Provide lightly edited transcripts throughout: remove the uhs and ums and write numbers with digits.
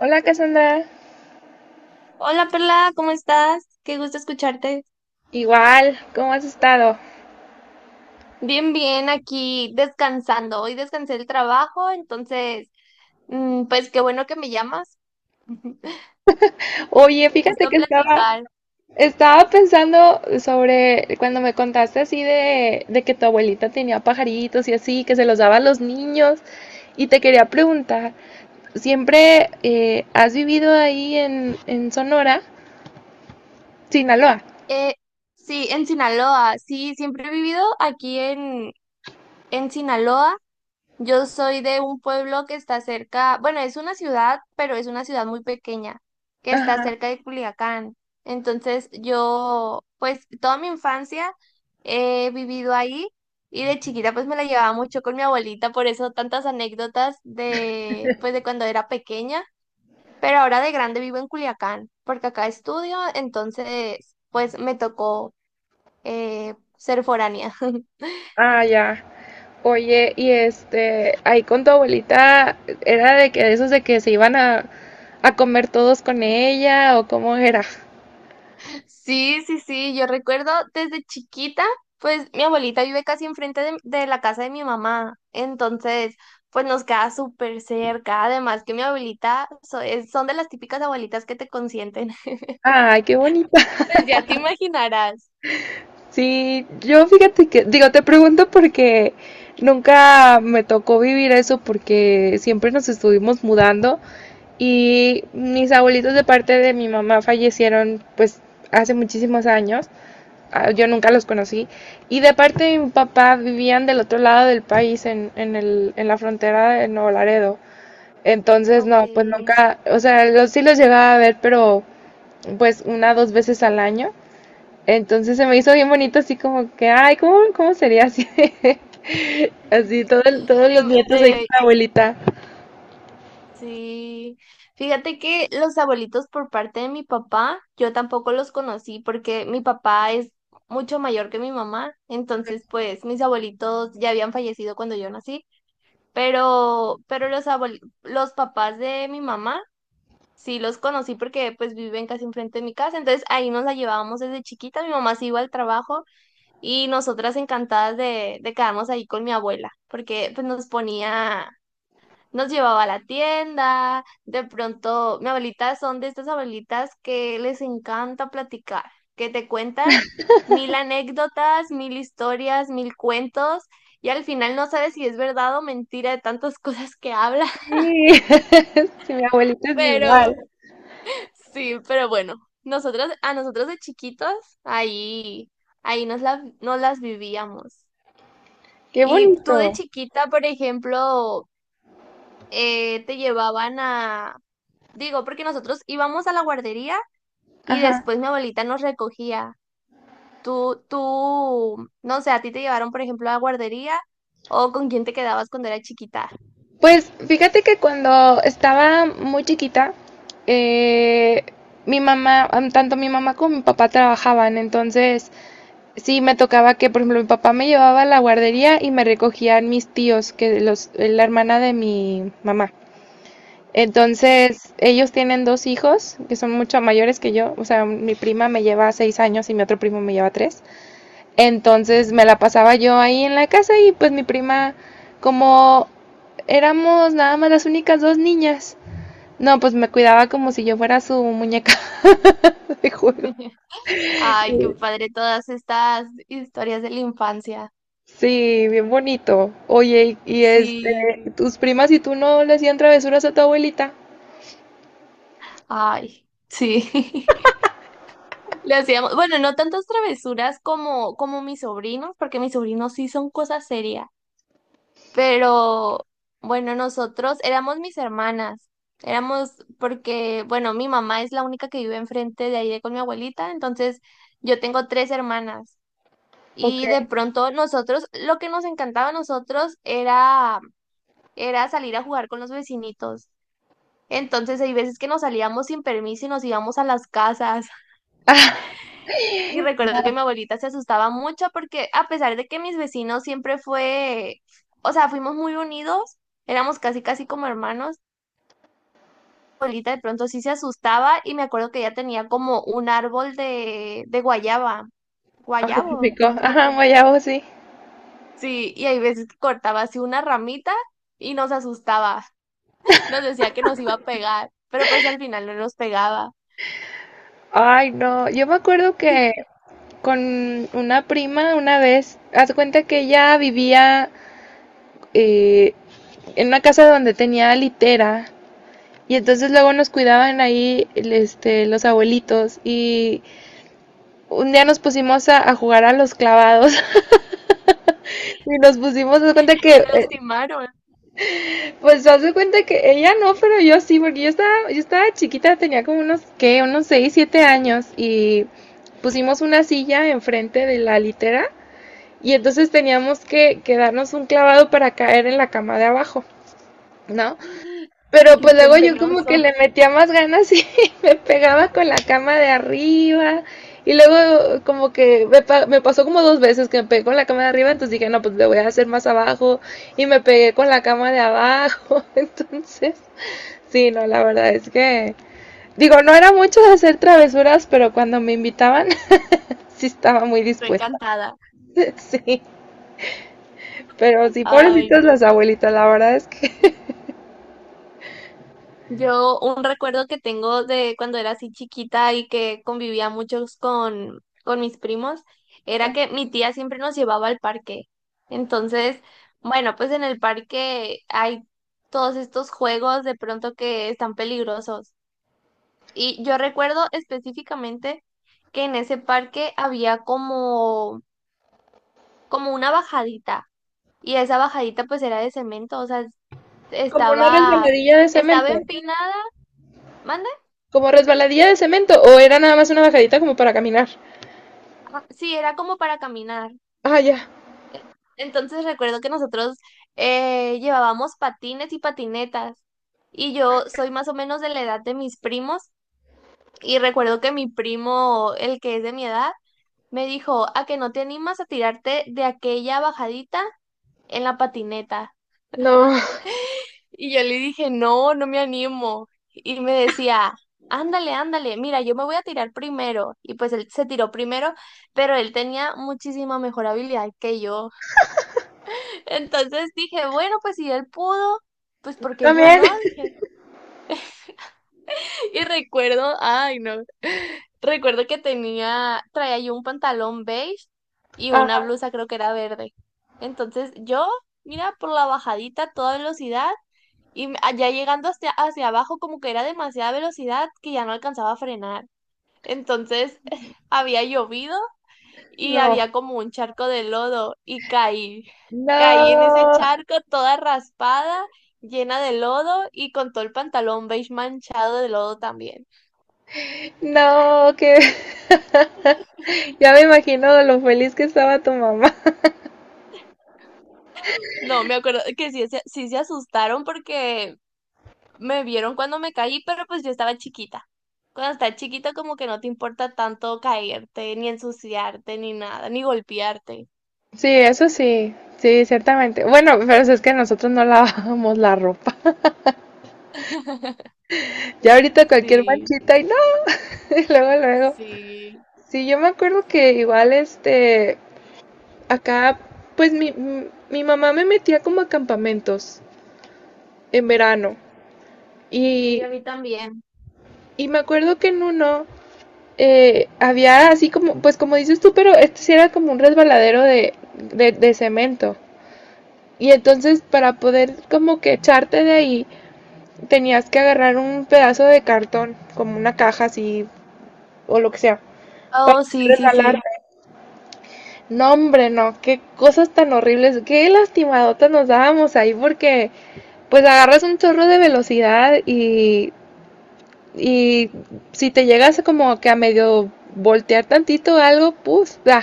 Hola Cassandra, Hola Perla, ¿cómo estás? Qué gusto escucharte. igual, ¿cómo has estado? Bien, bien, aquí descansando. Hoy descansé del trabajo, entonces, pues qué bueno que me llamas. Oye, Qué fíjate gusto que estaba, platicar. estaba pensando sobre cuando me contaste así de que tu abuelita tenía pajaritos y así, que se los daba a los niños, y te quería preguntar, ¿siempre has vivido ahí en Sonora, Sinaloa? Eh, sí, en Sinaloa. Sí, siempre he vivido aquí en Sinaloa. Yo soy de un pueblo que está cerca, bueno, es una ciudad, pero es una ciudad muy pequeña, que está Ajá. cerca de Culiacán. Entonces yo, pues toda mi infancia he vivido ahí y de chiquita pues me la llevaba mucho con mi abuelita, por eso tantas anécdotas de, pues de cuando era pequeña, pero ahora de grande vivo en Culiacán, porque acá estudio, entonces pues me tocó ser foránea. Ah, ya. Oye, y este, ahí con tu abuelita, ¿era de que de esos de que se iban a comer todos con ella o cómo era? Sí, sí, sí, yo recuerdo desde chiquita, pues mi abuelita vive casi enfrente de la casa de mi mamá, entonces pues nos queda súper cerca, además que mi abuelita son de las típicas abuelitas que te consienten, Ay, qué bonita. y pues ya te imaginarás. Sí, yo fíjate que, digo, te pregunto porque nunca me tocó vivir eso porque siempre nos estuvimos mudando y mis abuelitos de parte de mi mamá fallecieron pues hace muchísimos años. Ah, yo nunca los conocí. Y de parte de mi papá vivían del otro lado del país, en la frontera de Nuevo Laredo. Entonces, Ok. no, pues nunca, o sea, los sí los llegaba a ver, pero pues una, dos veces al año. Entonces se me hizo bien bonito así como que, ay, ¿cómo sería así? Así todos los Te- nietos ahí con te- la abuelita. sí, fíjate que los abuelitos por parte de mi papá, yo tampoco los conocí porque mi papá es mucho mayor que mi mamá, entonces pues mis abuelitos ya habían fallecido cuando yo nací. Pero los los papás de mi mamá, sí los conocí porque pues viven casi enfrente de mi casa, entonces ahí nos la llevábamos desde chiquita, mi mamá se iba al trabajo y nosotras encantadas de quedarnos ahí con mi abuela, porque pues nos ponía nos llevaba a la tienda, de pronto, mi abuelita son de estas abuelitas que les encanta platicar, que te cuentan mil anécdotas, mil historias, mil cuentos, y al final no sabes si es verdad o mentira de tantas cosas que habla, Sí, sí, mi abuelita es pero igual. sí, pero bueno, nosotros, a nosotros de chiquitos, ahí, ahí nos las vivíamos. Qué Y tú de bonito. chiquita, por ejemplo, te llevaban a, digo, porque nosotros íbamos a la guardería y Ajá. después mi abuelita nos recogía. No sé, a ti te llevaron, por ejemplo, a la guardería o con quién te quedabas cuando era chiquita. Pues fíjate que cuando estaba muy chiquita, eh, tanto mi mamá como mi papá trabajaban, entonces sí me tocaba que, por ejemplo, mi papá me llevaba a la guardería y me recogían mis tíos, que los, la hermana de mi mamá. Entonces, ellos tienen dos hijos que son mucho mayores que yo. O sea, mi prima me lleva 6 años y mi otro primo me lleva tres. Entonces, me la pasaba yo ahí en la casa y pues mi prima, como éramos nada más las únicas dos niñas, no, pues me cuidaba como si yo fuera su muñeca de juego. Ay, qué padre todas estas historias de la infancia. Sí, bien bonito. Oye, y este, Sí, tus primas y tú no le hacían travesuras a tu abuelita. ay, sí. Le hacíamos, bueno, no tantas travesuras como mis sobrinos, porque mis sobrinos sí son cosas serias. Pero bueno, nosotros éramos mis hermanas. Éramos porque, bueno, mi mamá es la única que vive enfrente de ahí de con mi abuelita, entonces yo tengo tres hermanas. Ok. Y de pronto nosotros, lo que nos encantaba a nosotros era salir a jugar con los vecinitos. Entonces hay veces que nos salíamos sin permiso y nos íbamos a las casas. Ah, Y recuerdo que mi abuelita se asustaba mucho porque a pesar de que mis vecinos siempre fue, o sea, fuimos muy unidos, éramos casi casi como hermanos. Abuelita de pronto sí se asustaba y me acuerdo que ella tenía como un árbol de guayaba, ay, qué guayabo rico. más bien. Ajá, guayabo, sí. Sí, y hay veces que cortaba así una ramita y nos asustaba, nos decía que nos iba a pegar, pero pues al final no nos pegaba, Ay, no, yo me acuerdo que con una prima una vez, haz de cuenta que ella vivía eh, en una casa donde tenía litera y entonces luego nos cuidaban ahí los abuelitos y un día nos pusimos a jugar a los clavados y nos pusimos, haz de cuenta y no que, se lastimaron. pues haz de cuenta que ella no, pero yo sí, porque yo estaba chiquita, tenía como unos, ¿qué? Unos 6 7 años y pusimos una silla enfrente de la litera. Y entonces teníamos que darnos un clavado para caer en la cama de abajo, ¿no? Pero ¡Qué pues luego yo como que peligroso! le metía más ganas y me pegaba con la cama de arriba. Y luego como que me pasó como 2 veces que me pegué con la cama de arriba, entonces dije, no, pues le voy a hacer más abajo. Y me pegué con la cama de abajo. Entonces, sí, no, la verdad es que... Digo, no era mucho de hacer travesuras, pero cuando me invitaban, sí estaba muy Estoy dispuesta. encantada. Sí. Pero sí, Ay, pobrecitas las abuelitas, la verdad es que yo un recuerdo que tengo de cuando era así chiquita y que convivía muchos con mis primos era que mi tía siempre nos llevaba al parque. Entonces, bueno, pues en el parque hay todos estos juegos de pronto que están peligrosos. Y yo recuerdo específicamente que en ese parque había como una bajadita y esa bajadita pues era de cemento, o sea, como una estaba, resbaladilla de estaba cemento. empinada. ¿Mande? Como resbaladilla de cemento. O era nada más una bajadita como para caminar. Ah, sí, era como para caminar. Ah, ya. Entonces recuerdo que nosotros llevábamos patines y patinetas. Y yo soy más o menos de la edad de mis primos. Y recuerdo que mi primo, el que es de mi edad, me dijo, ¿a que no te animas a tirarte de aquella bajadita en la patineta? No. Y yo le dije, no, no me animo. Y me decía, ándale, ándale, mira, yo me voy a tirar primero. Y pues él se tiró primero, pero él tenía muchísima mejor habilidad que yo. Entonces dije, bueno, pues si él pudo, pues porque yo También. no, dije. Y recuerdo, ay no, recuerdo que tenía, traía yo un pantalón beige y una Ah, blusa creo que era verde. Entonces yo, mira, por la bajadita a toda velocidad y allá llegando hacia abajo como que era demasiada velocidad que ya no alcanzaba a frenar. Entonces había llovido y no. había como un charco de lodo y caí. Caí en ese No. charco toda raspada, llena de lodo y con todo el pantalón beige manchado de lodo también. No, que. Ya me imagino de lo feliz que estaba tu mamá. No, me acuerdo que sí, sí se asustaron porque me vieron cuando me caí, pero pues yo estaba chiquita. Cuando estás chiquita como que no te importa tanto caerte, ni ensuciarte, ni nada, ni golpearte. Sí, eso sí. Sí, ciertamente. Bueno, pero es que nosotros no lavábamos la ropa. Ya ahorita cualquier Sí, manchita y no. Y luego, luego. sí, Sí, yo me acuerdo que igual este, acá, pues mi mamá me metía como a campamentos en verano y, sí, a mí también. y me acuerdo que en uno había así como, pues como dices tú, pero este sí era como un resbaladero de cemento. Y entonces para poder como que echarte de ahí, tenías que agarrar un pedazo de cartón, como una caja así o lo que sea, para Oh, sí, poder sí, sí. resbalarte. No, hombre, no, qué cosas tan horribles, qué lastimadotas nos dábamos ahí porque... pues agarras un chorro de velocidad y si te llegas como que a medio voltear tantito algo, pues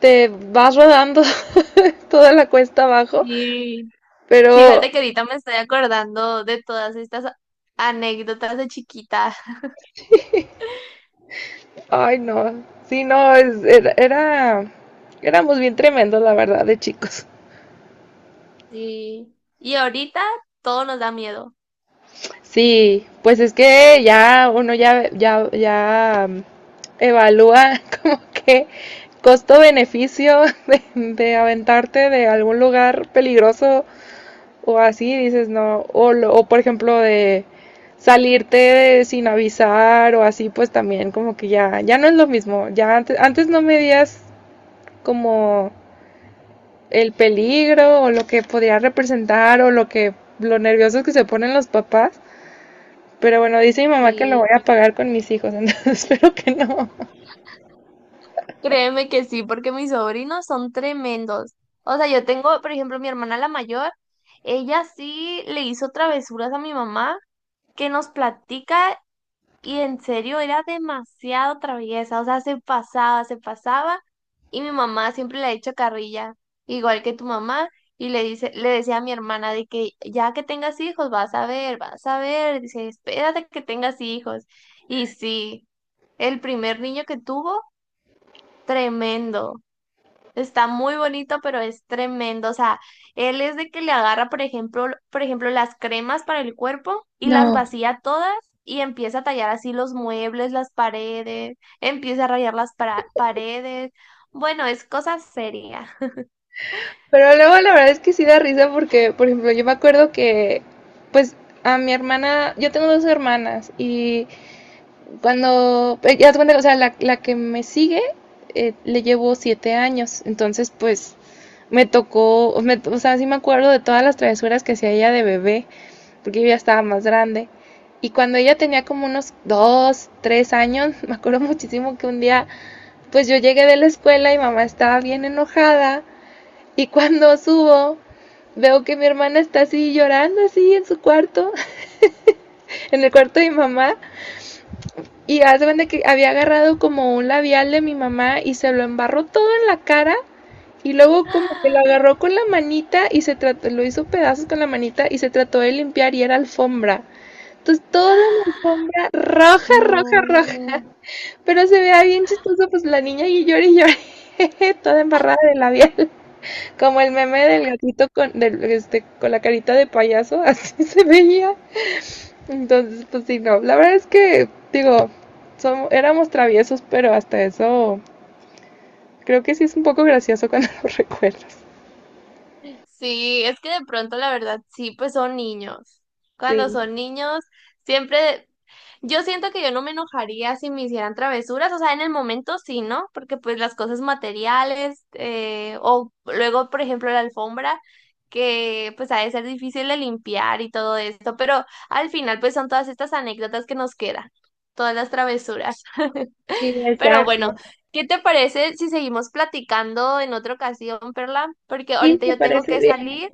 te vas rodando toda la cuesta abajo. Sí, Pero, fíjate que ahorita me estoy acordando de todas estas anécdotas de chiquita. ay no, sí, no, éramos bien tremendos, la verdad, de chicos. Sí. Y ahorita todo nos da miedo. Sí, pues es que ya uno evalúa como que costo-beneficio de aventarte de algún lugar peligroso o así, dices no, o por ejemplo de salirte sin avisar o así, pues también como que ya no es lo mismo, ya antes no medías como el peligro o lo que podría representar o lo que, lo nerviosos que se ponen los papás. Pero bueno, dice mi mamá que lo voy Sí. a pagar con mis hijos, entonces espero que no. Créeme que sí, porque mis sobrinos son tremendos. O sea, yo tengo, por ejemplo, mi hermana la mayor, ella sí le hizo travesuras a mi mamá que nos platica. Y en serio, era demasiado traviesa, o sea, se pasaba, se pasaba. Y mi mamá siempre le ha hecho carrilla, igual que tu mamá, y le dice, le decía a mi hermana de que ya que tengas hijos, vas a ver, dice, espérate que tengas hijos. Y sí, el primer niño que tuvo, tremendo. Está muy bonito, pero es tremendo. O sea, él es de que le agarra, por ejemplo, por ejemplo, las cremas para el cuerpo y las vacía todas y empieza a tallar así los muebles, las paredes, empieza a rayar las paredes. Bueno, es cosa seria. Pero luego la verdad es que sí da risa porque, por ejemplo, yo me acuerdo que, pues, a mi hermana, yo tengo dos hermanas y cuando, ya te cuenta, o sea, la que me sigue le llevo 7 años, entonces pues me tocó, o sea, sí me acuerdo de todas las travesuras que hacía ella de bebé, porque yo ya estaba más grande. Y cuando ella tenía como unos 2, 3 años, me acuerdo muchísimo que un día. Pues yo llegué de la escuela y mamá estaba bien enojada y cuando subo veo que mi hermana está así llorando así en su cuarto, en el cuarto de mi mamá y hace cuenta que había agarrado como un labial de mi mamá y se lo embarró todo en la cara y luego como que lo agarró con la manita y se trató, lo hizo pedazos con la manita y se trató de limpiar y era alfombra. Entonces toda la alfombra roja, roja, roja. No. Pero se veía bien chistoso, pues la niña y lloré, toda embarrada de labial, como el meme del gatito con, del, este, con la carita de payaso, así se veía. Entonces, pues sí, no, la verdad es que, digo, éramos traviesos, pero hasta eso creo que sí es un poco gracioso cuando lo recuerdas. Sí, es que de pronto la verdad sí, pues son niños. Cuando Sí, son niños, siempre yo siento que yo no me enojaría si me hicieran travesuras, o sea, en el momento sí, ¿no? Porque pues las cosas materiales, o luego, por ejemplo, la alfombra, que pues ha de ser difícil de limpiar y todo esto, pero al final pues son todas estas anécdotas que nos quedan, todas las travesuras. sí, Pero exacto. bueno, ¿qué te parece si seguimos platicando en otra ocasión, Perla? Porque Sí, ahorita me yo tengo parece que bien. salir.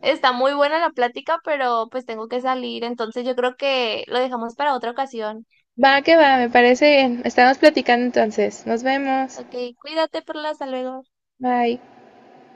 Está muy buena la plática, pero pues tengo que salir, entonces yo creo que lo dejamos para otra ocasión. Va que va, me parece bien. Estamos platicando entonces. Nos vemos. Ok, cuídate, Perla, hasta luego. Bye.